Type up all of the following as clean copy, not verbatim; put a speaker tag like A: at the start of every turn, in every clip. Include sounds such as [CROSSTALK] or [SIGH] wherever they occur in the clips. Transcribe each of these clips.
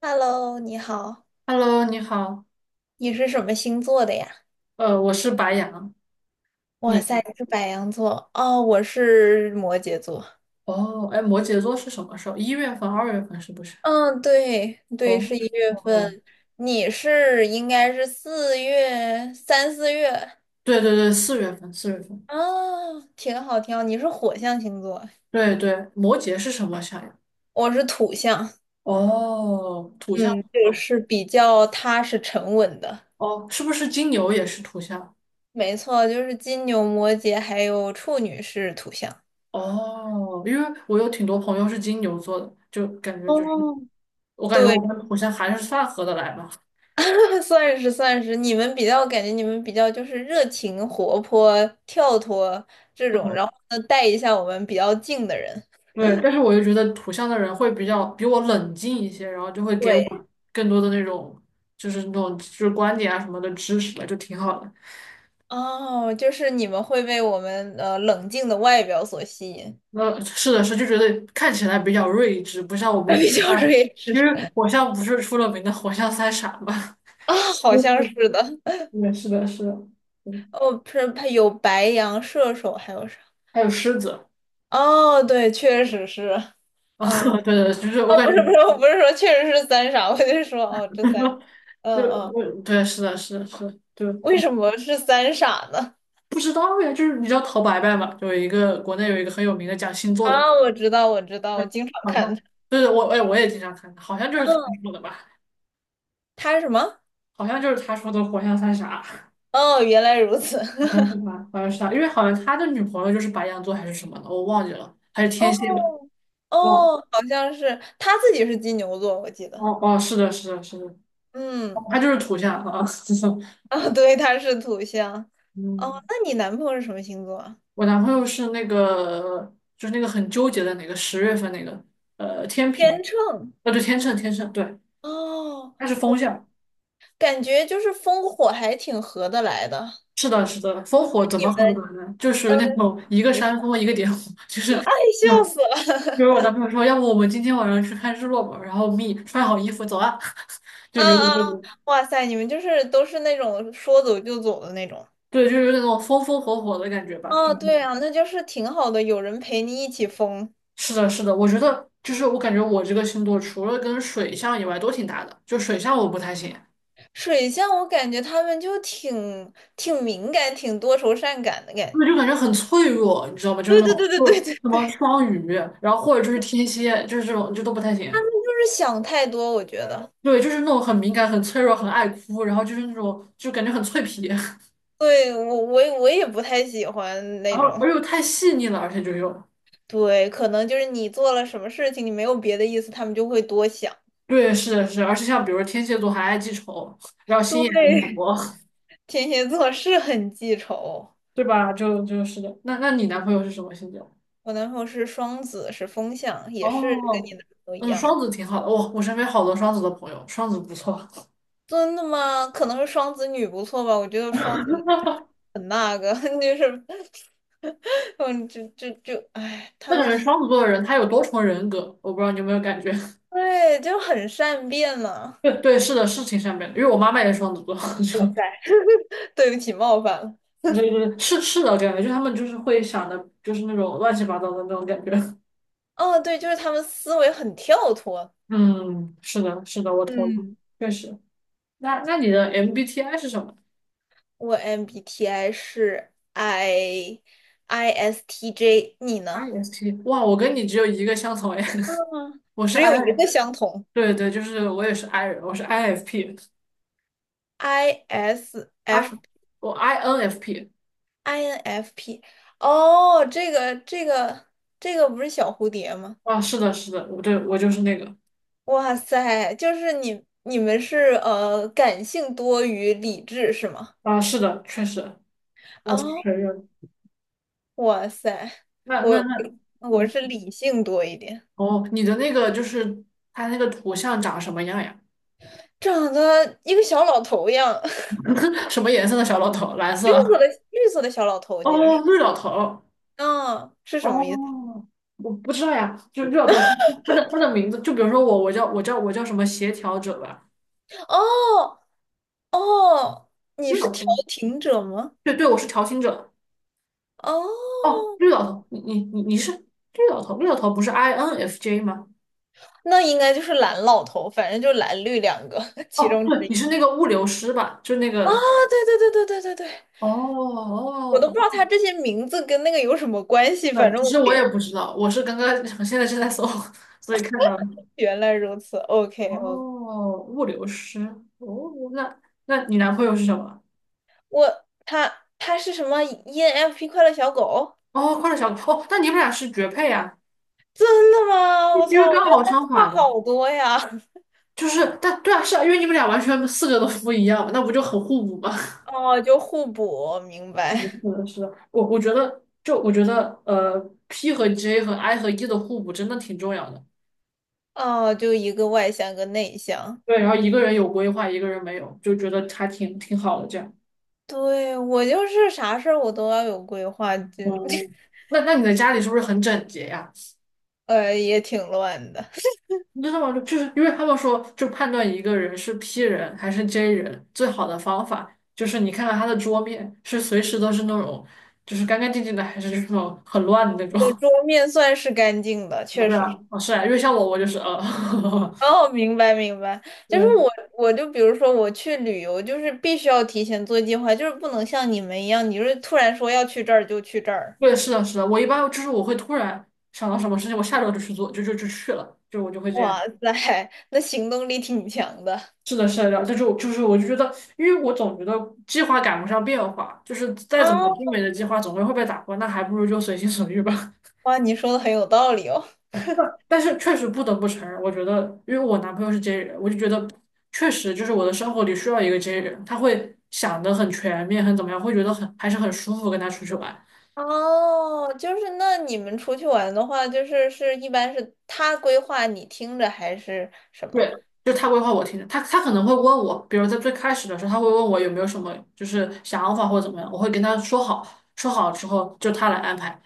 A: Hello，你好，
B: Hello，你好，
A: 你是什么星座的呀？
B: 我是白羊，你
A: 哇塞，
B: 呢？
A: 你是白羊座哦，我是摩羯座。
B: 哦，哎，摩羯座是什么时候？1月份、2月份是不是？
A: 嗯，对
B: 哦，
A: 对，是一月
B: 哦，
A: 份，应该是四月
B: 对对对，四月份，四月份，
A: 啊，挺好挺好。你是火象星座，
B: 对对，摩羯是什么象呀？
A: 我是土象，
B: 哦，土象，
A: 嗯，就
B: 哦，
A: 是比较踏实沉稳的。
B: 哦，是不是金牛也是土象？
A: 没错，就是金牛、摩羯还有处女是土象。
B: 哦，因为我有挺多朋友是金牛座的，就感觉就是，
A: 哦，
B: 我感觉我
A: 对。
B: 跟土象还是算合得来吧。
A: [LAUGHS] 算是算是，你们比较就是热情、活泼、跳脱这种，然后呢带一下我们比较静的人。
B: 对，但是我又觉得土象的人会比较比我冷静一些，然后就会给
A: 对，
B: 我更多的那种就是那种就是观点啊什么的支持吧，就挺好的。
A: 哦，就是你们会被我们冷静的外表所吸引，
B: 那是的是，就觉得看起来比较睿智，不像我
A: [LAUGHS]
B: 们
A: 比
B: 火
A: 较
B: 象，
A: 睿
B: 因为
A: 智
B: 火象不是出了名的火象三傻嘛。
A: 啊，
B: [LAUGHS]
A: 好像
B: 嗯
A: 是的。
B: 对，是的，是的，嗯，
A: 哦，不是，他有白羊、射手，还有啥？
B: 还有狮子，[LAUGHS]
A: 哦，对，确实是。
B: 啊，
A: 嗯，
B: 对对，就是我
A: 哦，
B: 感
A: 不是不
B: 觉，
A: 是，我不是说确实是三傻，我就说哦，这三个，
B: [LAUGHS] 就
A: 嗯嗯，
B: 我对，是的，是的，是的，就
A: 为什么是三傻呢？
B: 不知道呀，就是你知道陶白白嘛，就有一个国内有一个很有名的讲星座的
A: 啊，
B: 人。
A: 我知道，我知道，我
B: 对，
A: 经常
B: 好
A: 看
B: 像
A: 他。
B: 对对，我哎，我也经常看，好像就是他
A: 嗯，
B: 说的吧，
A: 他是什么？
B: 好像就是他说的"活像三傻"，好
A: 哦，原来如此。
B: 像是他，
A: [LAUGHS]
B: 好像是他，因为好像他的女朋友就是白羊座还是什么的，我忘记了，还是天
A: 哦
B: 蝎吧，忘了。
A: 哦，好像是他自己是金牛座，我记得。
B: 哦哦，是的，是的，是的，哦
A: 嗯，
B: 他就是土象啊，[LAUGHS] 就是
A: 啊，对，他是土象。哦，
B: 嗯，
A: 那你男朋友是什么星座啊？
B: 我男朋友是那个，就是那个很纠结的那个10月份那个，天平，
A: 天秤。
B: 对，天秤，天秤，对，
A: 哦，
B: 他是风象。
A: 感觉就是风火还挺合得来的。
B: 是的，是的，风火怎
A: 你
B: 么合得
A: 们
B: 呢？就属
A: 呃
B: 于那种一个
A: 你说
B: 山峰一个点火，就
A: [LAUGHS]，
B: 是。
A: 哎，笑死了。
B: 就是我男朋友说，要不我们今天晚上去看日落吧，然后 me 穿好衣服走啊，[LAUGHS]
A: [LAUGHS]
B: 就
A: 啊
B: 有点
A: 啊，嗯
B: 那种，
A: 哇塞，你们就是都是那种说走就走的那种。
B: 对，就是有点那种风风火火的感觉吧。就
A: 哦，
B: 是
A: 对啊，那就是挺好的，有人陪你一起疯。
B: 是的，是的，我觉得就是我感觉我这个星座除了跟水象以外都挺搭的，就水象我不太行，
A: 水象，我感觉他们就挺敏感、挺多愁善感的感
B: 我就
A: 觉。
B: 感觉很脆弱，你知道吗？
A: [LAUGHS]
B: 就
A: 对
B: 那
A: 对
B: 种
A: 对对
B: 就是
A: 对对
B: 什么
A: 对，
B: 双鱼，然后或者就是天蝎，就是这种就都不太行。
A: 就是想太多，我觉得。
B: 对，就是那种很敏感、很脆弱、很爱哭，然后就是那种就感觉很脆皮，
A: 对，我也不太喜欢
B: [LAUGHS] 然
A: 那
B: 后
A: 种。
B: 而又太细腻了，而且就又。
A: 对，可能就是你做了什么事情，你没有别的意思，他们就会多想。
B: 对，是的，是的而且像比如说天蝎座还爱记仇，然后心眼又很
A: 对，
B: 多，
A: [LAUGHS] 天蝎座是很记仇。
B: 对吧？就是的。那你男朋友是什么星座？
A: 我男朋友是双子，是风象，也是跟
B: 哦，
A: 你男朋友一
B: 嗯，双
A: 样。
B: 子挺好的。哇、我身边好多双子的朋友，双子不错。[LAUGHS]
A: 真的吗？可能是双子女不错吧，我觉得双子。女。很那个，[LAUGHS] 就是，[LAUGHS] 嗯，就就就，哎，
B: 那感觉双子座的人他有多重人格，我不知道你有没有感觉？
A: 对，就很善变
B: [LAUGHS]
A: 嘛。
B: 对对，是的，是挺善变的。因为我妈妈也是双子座，[LAUGHS] 就
A: [LAUGHS] 对不起，冒犯了。
B: 对对，是是的感觉，就他们就是会想的，就是那种乱七八糟的那种感觉。[LAUGHS]
A: 哦，对，就是他们思维很跳脱。
B: 嗯，是的，是的，我同意，
A: 嗯，
B: 确实。那你的 MBTI 是什么？
A: 我 MBTI 是 ISTJ，你
B: i
A: 呢？
B: s P，哇，我跟你只有一个相同哎，[LAUGHS] 我是
A: 只
B: I，
A: 有一个相同
B: 对对，就是我也是 I 人，我是 IFP，I
A: ，ISF
B: 我 INFP，
A: INFP。哦，这个不是小蝴蝶吗？
B: 啊，是的，是的，我对我就是那个，
A: 哇塞，就是你们是感性多于理智是吗？
B: 啊，是的，确实，我承
A: 啊、
B: 认。
A: 哇塞，
B: 那那
A: 我
B: 那，
A: 我
B: 嗯，
A: 是理性多一点，
B: 哦，你的那个就是它那个图像长什么样呀？
A: 长得一个小老头一样，[LAUGHS]
B: [LAUGHS] 什么颜色的小老头？蓝色？
A: 绿色的小老头，我记得
B: 哦，
A: 是，
B: 绿老头。
A: 啊，是什么意思？
B: 哦，我不知道呀，就绿老头，他的名字，就比如说我，我叫什么协调者吧，
A: 哦哦，你
B: 绿
A: 是
B: 老
A: 调
B: 头。
A: 停者吗？
B: 对对，我是调情者。哦，
A: 哦，
B: 绿老头，你是绿老头，绿老头不是 INFJ 吗？
A: 那应该就是蓝老头，反正就蓝绿两个 [LAUGHS] 其
B: 哦，
A: 中
B: 对，
A: 之
B: 你
A: 一。
B: 是那个物流师吧？就那
A: 啊，
B: 个。
A: 对对对对对对对，
B: 哦
A: 我
B: 哦
A: 都不知
B: 哦，
A: 道他这些名字跟那个有什么关系，
B: 对
A: 反正
B: 其实我也不知道，我是刚刚我现在正在搜，[LAUGHS] 所以看到了
A: 原来如此。OK，
B: 哦，物流师。哦，那那你男朋友是什么？
A: 他是什么 ENFP 快乐小狗？
B: 哦，快乐小狗。哦，那你们俩是绝配啊？
A: 真的吗？
B: 因
A: 我
B: 为
A: 操，我
B: 刚
A: 觉得
B: 好
A: 他
B: 相反
A: 差
B: 嘛。
A: 好多呀。[LAUGHS]
B: 就是，但对啊，是啊，因为你们俩完全四个都不一样，那不就很互补吗？
A: 哦，就互补，明
B: 是的，
A: 白。
B: 是的，是的我觉得，就我觉得，P 和 J 和 I 和 E 的互补真的挺重要的。
A: 哦，就一个外向，一个内向。
B: 对，然后一个人有规划，一个人没有，就觉得还挺挺好的这样。
A: 对，我就是啥事儿我都要有规划，就 [LAUGHS]
B: 嗯，那你的家里是不是很整洁呀？
A: 也挺乱的。
B: 你知道吗？就是因为他们说，就判断一个人是 P 人还是 J 人，最好的方法就是你看看他的桌面是随时都是那种就是干干净净的，还是那种很乱的那种。[LAUGHS]
A: 对，
B: 啊？
A: 桌面算是干净的，确
B: 对
A: 实。
B: 啊，啊是啊，因为像我，我就是
A: [LAUGHS] 哦，明白明白，
B: [LAUGHS]
A: 就是
B: 对
A: 我，我就比如说我去旅游，就是必须要提前做计划，就是不能像你们一样，你就是突然说要去这儿就去这儿。
B: 对，是的，是的，我一般就是我会突然想到什么事情，我下周就去做，就去了，就我就会这
A: 哇
B: 样。
A: 塞，那行动力挺强的
B: 是的，是的，然后这就是我就觉得，因为我总觉得计划赶不上变化，就是再怎么精
A: 啊
B: 美的计划总归会被打破，那还不如就随心所欲吧。
A: [LAUGHS]！哇，你说的很有道理哦。
B: [LAUGHS] 但是确实不得不承认，我觉得，因为我男朋友是 J 人，我就觉得确实就是我的生活里需要一个 J 人，他会想的很全面，很怎么样，会觉得很还是很舒服跟他出去玩。
A: 哦，就是那你们出去玩的话，就是一般是他规划你听着还是什么？
B: 对，就他规划我听的，他可能会问我，比如在最开始的时候，他会问我有没有什么就是想法或者怎么样，我会跟他说好，说好之后就他来安排，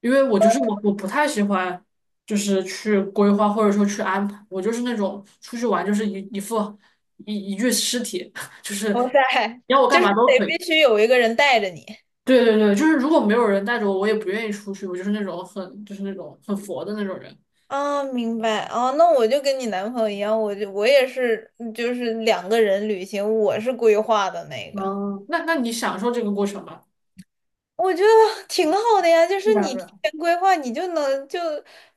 B: 因为我就是我不太喜欢就是去规划或者说去安排，我就是那种出去玩就是一一副一一具尸体，[LAUGHS] 就是
A: 哇
B: 你
A: 塞，
B: 要我干
A: 就是
B: 嘛都可
A: 得
B: 以。
A: 必须有一个人带着你。
B: 对对对，就是如果没有人带着我，我也不愿意出去，我就是那种很就是那种很佛的那种人。
A: 啊，明白哦，那我就跟你男朋友一样，我也是，就是两个人旅行，我是规划的那个，
B: 哦，那那你享受这个过程吧。
A: 我觉得挺好的呀，就
B: 对
A: 是
B: 吧？
A: 你提前规划，你就能就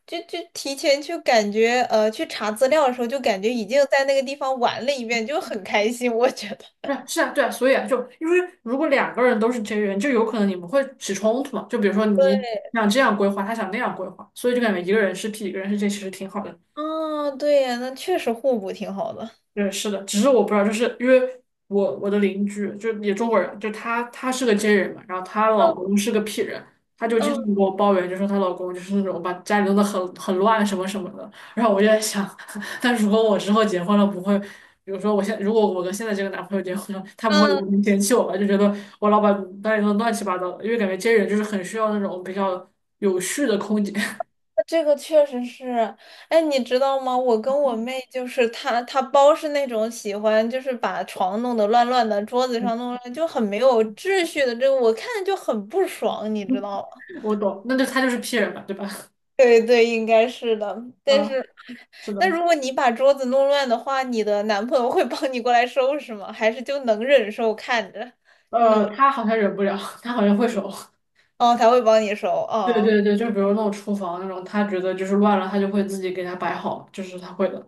A: 就就提前去感觉，去查资料的时候就感觉已经在那个地方玩了一遍，就很开心，我觉得。
B: 对，是啊，对啊，所以啊，就因为如果两个人都是 J 人，就有可能你们会起冲突嘛。就比如说你
A: 对，
B: 想这样规划，他想那样规划，所以就感觉一个人是 P，一个人是 J，其实挺好的。
A: 啊，对呀，那确实互补挺好的。
B: 对，是的，只是我不知道，就是因为我的邻居就也中国人，就她是个 J 人嘛，然后她老
A: 嗯
B: 公是个 P 人，她就经
A: 嗯
B: 常给我抱怨，就说她老公就是那种把家里弄得很乱什么什么的。然后我就在想，[LAUGHS] 那如果我之后结婚了，不会，比如说我现如果我跟现在这个男朋友结婚了，他不会有
A: 嗯。
B: 人嫌弃我吧？就觉得我老把家里弄得乱七八糟的，因为感觉 J 人就是很需要那种比较有序的空间。
A: 这个确实是，哎，你知道吗？我跟我妹就是她包是那种喜欢，就是把床弄得乱乱的，桌子上弄乱，就很没有秩序的。这个我看着就很不爽，你知道吗？
B: [LAUGHS] 我懂，那就他就是 P 人嘛，对吧？[LAUGHS]
A: [LAUGHS] 对对，应该是的。但
B: 啊，
A: 是，
B: 是
A: 那
B: 的。
A: 如果你把桌子弄乱的话，你的男朋友会帮你过来收拾吗？还是就能忍受看着？
B: 他好像忍不了，他好像会手。[LAUGHS]
A: 哦，他会帮你收。
B: 对
A: 哦
B: 对对，就比如那种厨房那种，他觉得就是乱了，他就会自己给他摆好，就是他会的。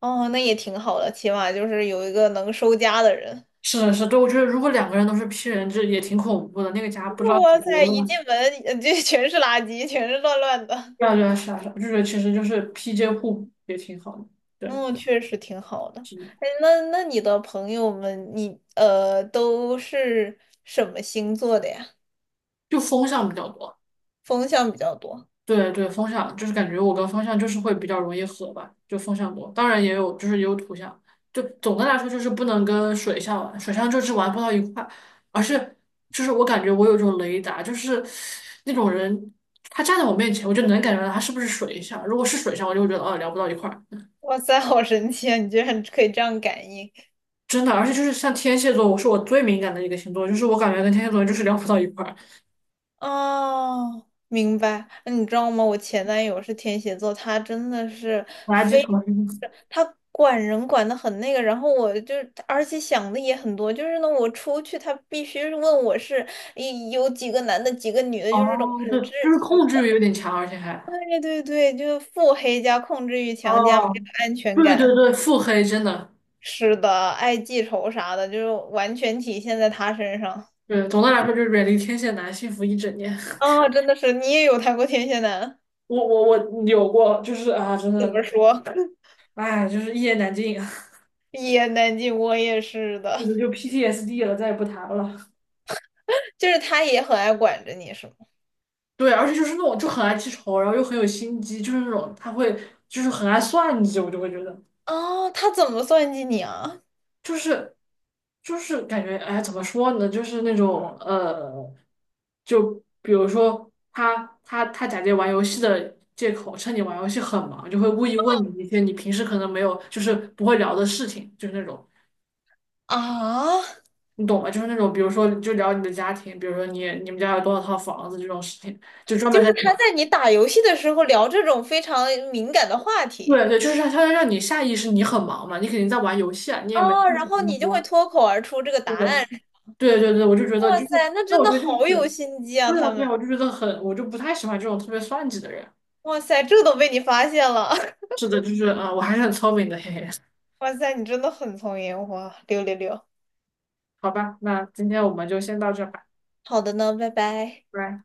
A: 哦，那也挺好的，起码就是有一个能收家的人。
B: 是的，是的，对，我觉得如果两个人都是 P 人制，也挺恐怖的，那个家不知道
A: 哇
B: 得
A: 塞，
B: 多
A: 一
B: 乱。
A: 进门这 [LAUGHS] 全是垃圾，全是乱乱的。
B: 对啊，对啊，是啊，是啊，就觉得其实就是 PJ 互补也挺好的，对，
A: 嗯，确实挺好的。
B: 是的
A: 哎，那你的朋友们，你都是什么星座的呀？
B: 就风向比较多。
A: 风象比较多。
B: 对对，风向就是感觉我跟风向就是会比较容易合吧，就风向多，当然也有就是也有土象，就总的来说就是不能跟水象玩，水象就是玩不到一块，而是就是我感觉我有一种雷达，就是那种人他站在我面前，我就能感觉到他是不是水象，如果是水象，我就会觉得哦聊不到一块儿，
A: 哇塞，好神奇啊！你居然可以这样感应。
B: 真的，而且就是像天蝎座，我是我最敏感的一个星座，就是我感觉跟天蝎座就是聊不到一块儿，
A: 哦，明白。那你知道吗？我前男友是天蝎座，他真的是
B: 垃圾
A: 非，
B: 虫。[LAUGHS]
A: 他管人管的很那个。然后而且想的也很多，就是呢，我出去他必须是问我是一有几个男的，几个女的，就是这种
B: 哦，
A: 很
B: 对，
A: 窒
B: 就是
A: 息。
B: 控制欲有点强，而且还。
A: 对对对，就是腹黑加控制欲强加没
B: 哦，
A: 有安全
B: 对
A: 感。
B: 对对，腹黑真的，
A: 是的，爱记仇啥的，就是完全体现在他身上。
B: 对，总的来说就是远离天蝎男，幸福一整年。
A: 啊、真的是，你也有谈过天蝎男？
B: [LAUGHS] 我有过，就是啊，真
A: 怎
B: 的，
A: 么说？
B: 哎，就是一言难尽啊，
A: 一言难尽，我也是
B: [LAUGHS] 这
A: 的，
B: 个就 PTSD 了，再也不谈了。
A: [LAUGHS] 就是他也很爱管着你，是吗？
B: 对，而且就是那种就很爱记仇，然后又很有心机，就是那种他会就是很爱算计，我就会觉得。
A: 哦，他怎么算计你啊？
B: 就是就是感觉，哎，怎么说呢？就是那种就比如说他假借玩游戏的借口，趁你玩游戏很忙，就会故意问你一些你平时可能没有，就是不会聊的事情，就是那种
A: 啊，
B: 你懂吗？就是那种比如说就聊你的家庭，比如说你们家有多少套房子这种事情，就专
A: 就
B: 门在
A: 是他在你打游戏的时候聊这种非常敏感的话题，
B: 对对，就是他要让你下意识你很忙嘛，你肯定在玩游戏啊，你也没
A: 哦，
B: 空
A: 然
B: 想那
A: 后
B: 么
A: 你就会
B: 多。
A: 脱口而出这个
B: 对。
A: 答案。
B: 对对对，我就觉得就
A: 哇
B: 是，
A: 塞，那
B: 那
A: 真
B: 我
A: 的
B: 觉得就
A: 好有
B: 是，
A: 心机啊，
B: 对啊
A: 他
B: 对啊，
A: 们。
B: 我就觉得很，我就不太喜欢这种特别算计的人。
A: 哇塞，这都被你发现了。[LAUGHS]
B: 是的，就是，啊，我还是很聪明的，嘿嘿。
A: 哇塞，你真的很聪明，哇，六六六。
B: 好吧，那今天我们就先到这吧，
A: 好的呢，拜拜。
B: 拜拜。